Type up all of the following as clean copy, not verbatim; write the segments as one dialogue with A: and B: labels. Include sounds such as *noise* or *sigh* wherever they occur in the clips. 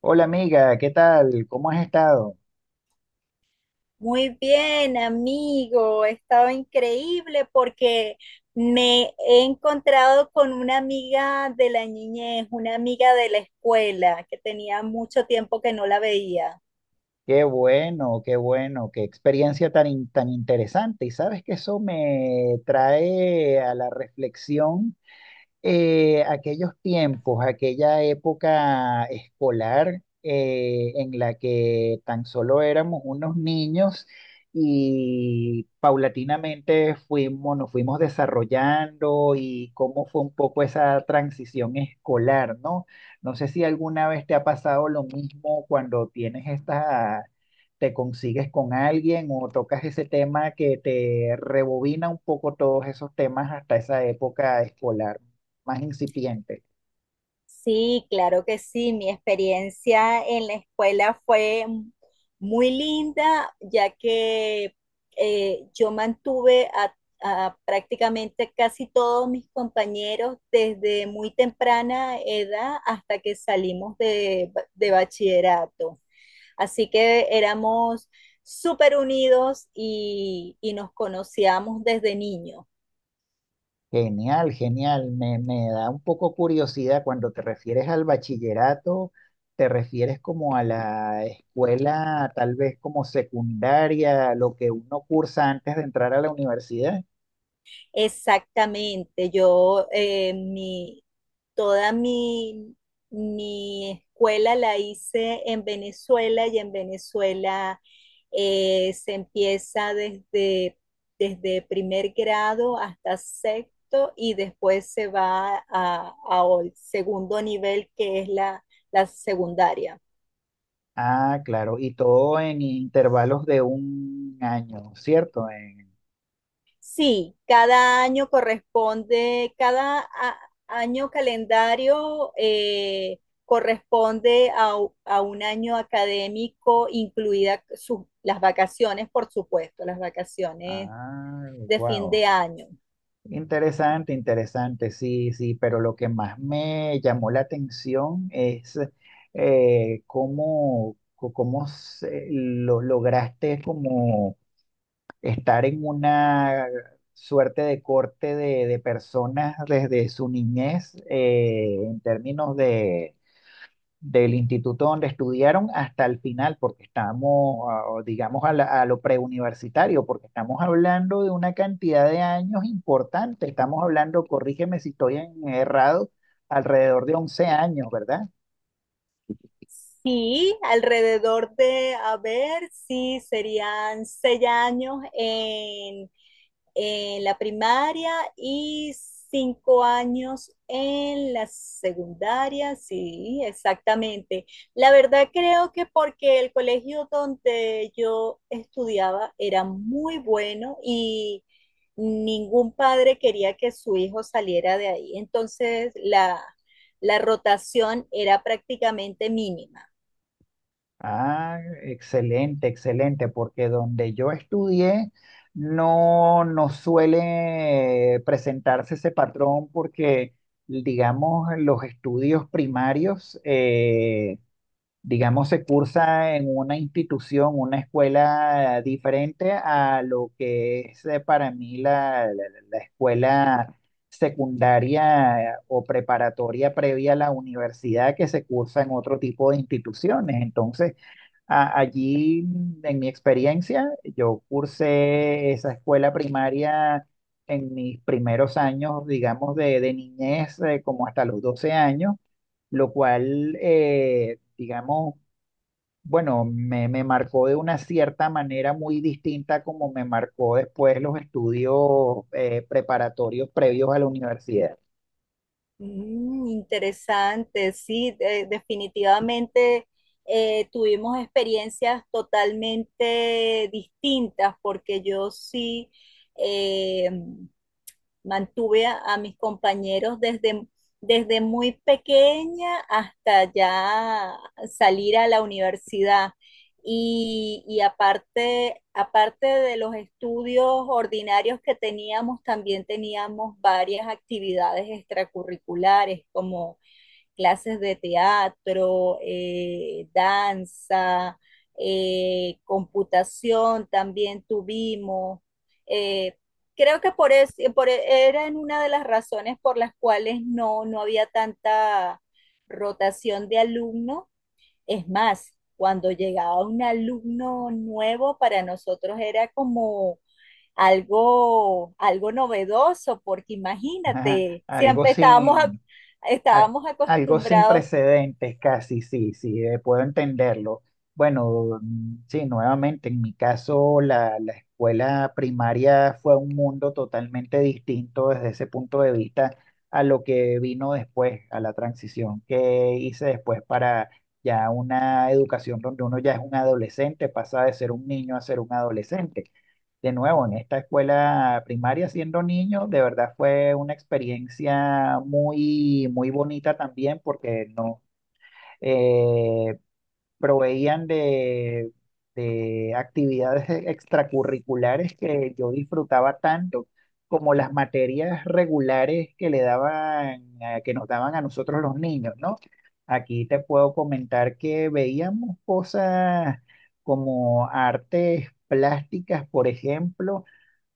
A: Hola amiga, ¿qué tal? ¿Cómo has estado?
B: Muy bien, amigo. He estado increíble porque me he encontrado con una amiga de la niñez, una amiga de la escuela que tenía mucho tiempo que no la veía.
A: Qué bueno, qué bueno, qué experiencia tan interesante. Y sabes que eso me trae a la reflexión aquellos tiempos, aquella época escolar, en la que tan solo éramos unos niños y nos fuimos desarrollando, y cómo fue un poco esa transición escolar, ¿no? No sé si alguna vez te ha pasado lo mismo cuando tienes te consigues con alguien o tocas ese tema que te rebobina un poco todos esos temas hasta esa época escolar más incipiente.
B: Sí, claro que sí. Mi experiencia en la escuela fue muy linda, ya que yo a prácticamente casi todos mis compañeros desde muy temprana edad hasta que salimos de bachillerato. Así que éramos súper unidos y nos conocíamos desde niños.
A: Genial, genial. Me da un poco curiosidad cuando te refieres al bachillerato, te refieres como a la escuela, tal vez como secundaria, lo que uno cursa antes de entrar a la universidad.
B: Exactamente, toda mi escuela la hice en Venezuela y en Venezuela se empieza desde primer grado hasta sexto y después se va a segundo nivel que es la secundaria.
A: Ah, claro, y todo en intervalos de un año, ¿cierto?
B: Sí, cada año año calendario corresponde a un año académico, incluidas las vacaciones, por supuesto, las vacaciones
A: Ah,
B: de fin
A: wow.
B: de año.
A: Interesante, interesante, sí, sí, pero lo que más me llamó la atención es, cómo, co- cómo se- lo, lograste como estar en una suerte de corte de personas desde su niñez, en términos del instituto donde estudiaron hasta el final, porque estamos, ah, digamos, a lo preuniversitario, porque estamos hablando de una cantidad de años importante. Estamos hablando, corrígeme si estoy errado, alrededor de 11 años, ¿verdad?
B: Sí, alrededor de, a ver, sí, serían 6 años en la primaria y 5 años en la secundaria, sí, exactamente. La verdad creo que porque el colegio donde yo estudiaba era muy bueno y ningún padre quería que su hijo saliera de ahí. Entonces, la rotación era prácticamente mínima.
A: Ah, excelente, excelente, porque donde yo estudié no, no suele presentarse ese patrón porque, digamos, los estudios digamos, se cursa en una institución, una escuela diferente a lo que es, para mí la escuela secundaria, o preparatoria previa a la universidad, que se cursa en otro tipo de instituciones. Entonces, allí, en mi experiencia, yo cursé esa escuela primaria. En mis primeros años, digamos, de niñez, como hasta los 12 años, lo cual, digamos, bueno, me marcó de una cierta manera muy distinta como me marcó después los estudios, preparatorios previos a la universidad.
B: Mm, interesante, sí, definitivamente tuvimos experiencias totalmente distintas porque yo sí, eh, mantuve a mis compañeros desde muy pequeña hasta ya salir a la universidad. Y aparte, aparte de los estudios ordinarios que teníamos, también teníamos varias actividades extracurriculares como clases de teatro, danza, computación también tuvimos. Eh, creo que era una de las razones por las cuales no había tanta rotación de alumnos. Es más, cuando llegaba un alumno nuevo, para nosotros era como algo novedoso, porque
A: *laughs*
B: imagínate,
A: Algo
B: siempre
A: sin, a-
B: estábamos
A: algo sin
B: acostumbrados.
A: precedentes, casi, sí, sí, puedo entenderlo. Bueno, mm, sí, nuevamente, en mi caso, la escuela primaria fue un mundo totalmente distinto desde ese punto de vista a lo que vino después, a la transición que hice después para ya una educación donde uno ya es un adolescente, pasa de ser un niño a ser un adolescente. De nuevo, en esta escuela primaria siendo niño, de verdad fue una experiencia muy, muy bonita también, porque no, eh, proveían de actividades *laughs* extracurriculares que yo disfrutaba tanto como las materias regulares que le daban, que nos daban a nosotros los niños, ¿no? Aquí te puedo comentar que veíamos cosas como artes plásticas, por ejemplo,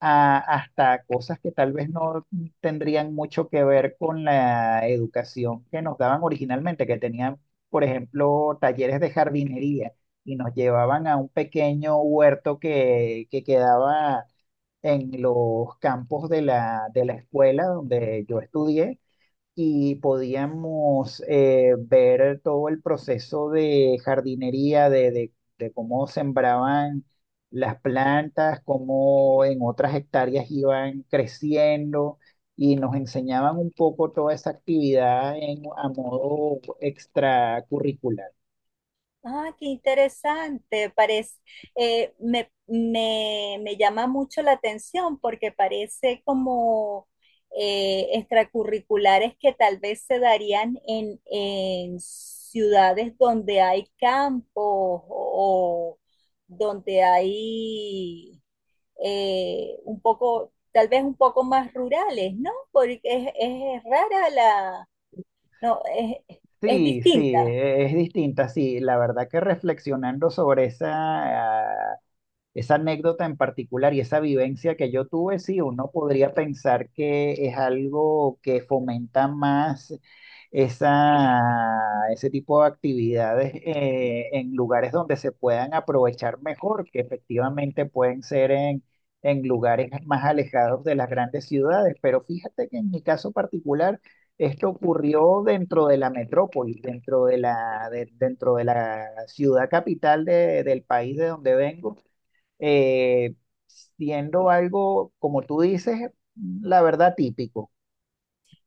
A: hasta cosas que tal vez no tendrían mucho que ver con la educación que nos daban originalmente, que tenían, por ejemplo, talleres de jardinería, y nos llevaban a un pequeño huerto que quedaba en los campos de de la escuela donde yo estudié, y podíamos, ver todo el proceso de jardinería, de cómo sembraban las plantas, cómo en otras hectáreas iban creciendo, y nos enseñaban un poco toda esa actividad, en, a modo extracurricular.
B: Ah, qué interesante. Me llama mucho la atención porque parece como extracurriculares que tal vez se darían en ciudades donde hay campos o donde hay un poco, tal vez un poco más rurales, ¿no? Porque es rara la, no, es
A: Sí, sí,
B: distinta.
A: es distinta, sí, la verdad que reflexionando sobre esa anécdota en particular y esa vivencia que yo tuve, sí, uno podría pensar que es algo que fomenta más esa, ese tipo de actividades, en lugares donde se puedan aprovechar mejor, que efectivamente pueden ser en lugares más alejados de las grandes ciudades. Pero fíjate que en mi caso particular, esto ocurrió dentro de la metrópoli, dentro de dentro de la ciudad capital del país de donde vengo, eh, siendo algo, como tú dices, la verdad típico.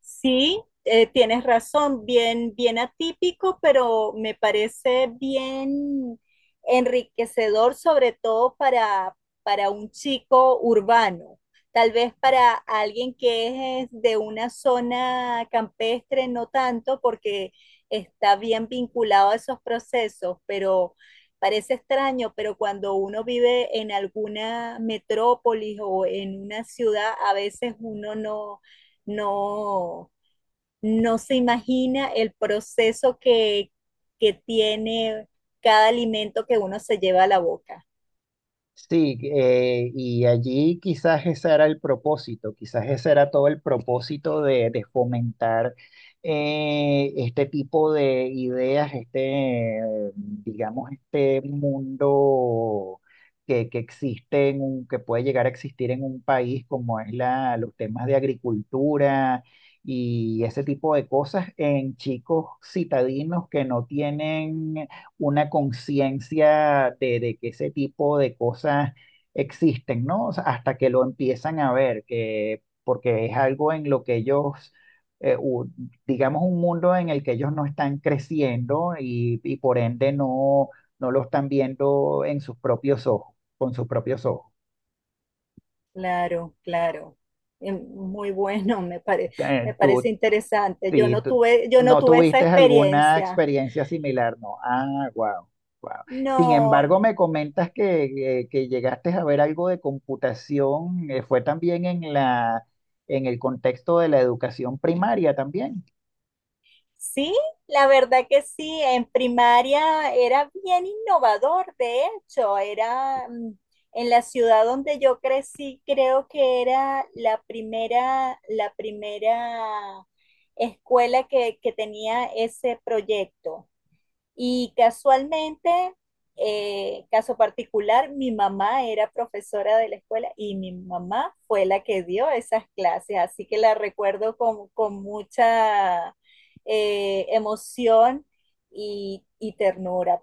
B: Sí, tienes razón, bien, bien atípico, pero me parece bien enriquecedor, sobre para un chico urbano. Tal vez para alguien que es de una zona campestre, no tanto, porque está bien vinculado a esos procesos, pero parece extraño, pero cuando uno vive en alguna metrópolis o en una ciudad, a veces uno no, no, no se imagina el proceso que tiene cada alimento que uno se lleva a la boca.
A: Sí, y allí quizás ese era el propósito, quizás ese era todo el propósito de fomentar, este tipo de ideas, este, digamos, este mundo que existe, en que puede llegar a existir en un país, como es la, los temas de agricultura y ese tipo de cosas en chicos citadinos que no tienen una conciencia de que ese tipo de cosas existen, ¿no? O sea, hasta que lo empiezan a ver, que, porque es algo en lo que ellos, eh, u- digamos, un mundo en el que ellos no están creciendo y por ende no, no lo están viendo en sus propios ojos, con sus propios ojos.
B: Claro, claro. Muy bueno,
A: Eh,
B: me parece
A: ¿tú,
B: interesante.
A: Sí,
B: Yo no
A: no
B: tuve esa
A: tuviste alguna
B: experiencia.
A: experiencia similar, ¿no? Ah, wow, wow. Sin
B: No,
A: embargo,
B: no.
A: me comentas que llegaste a ver algo de computación, fue también en la, en el contexto de la educación primaria también.
B: Sí, la verdad que sí, en primaria era bien innovador, de hecho, era mm, en la ciudad donde yo crecí, creo que era la primera escuela que tenía ese proyecto. Y casualmente, caso particular, mi mamá era profesora de la escuela y mi mamá fue la que dio esas clases, así que la recuerdo con mucha emoción y ternura.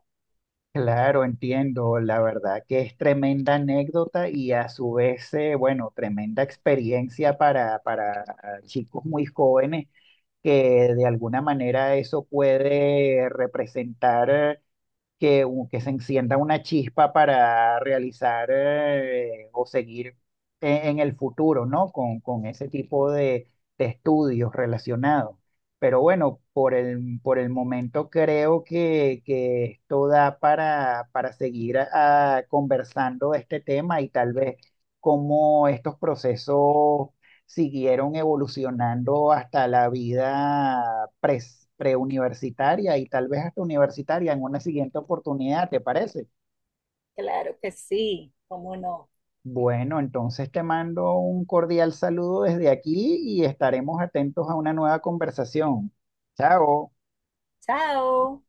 A: Claro, entiendo, la verdad que es tremenda anécdota y a su vez, bueno, tremenda experiencia para chicos muy jóvenes, que de alguna manera eso puede representar. Que, que se encienda una chispa para realizar, o seguir en el futuro, ¿no? Con ese tipo de estudios relacionados. Pero bueno, por el momento creo que esto da para seguir, ah, conversando de este tema, y tal vez cómo estos procesos siguieron evolucionando hasta la vida preuniversitaria y tal vez hasta universitaria en una siguiente oportunidad, ¿te parece?
B: Claro que sí, cómo no.
A: Bueno, entonces te mando un cordial saludo desde aquí y estaremos atentos a una nueva conversación. Chao.
B: Chao.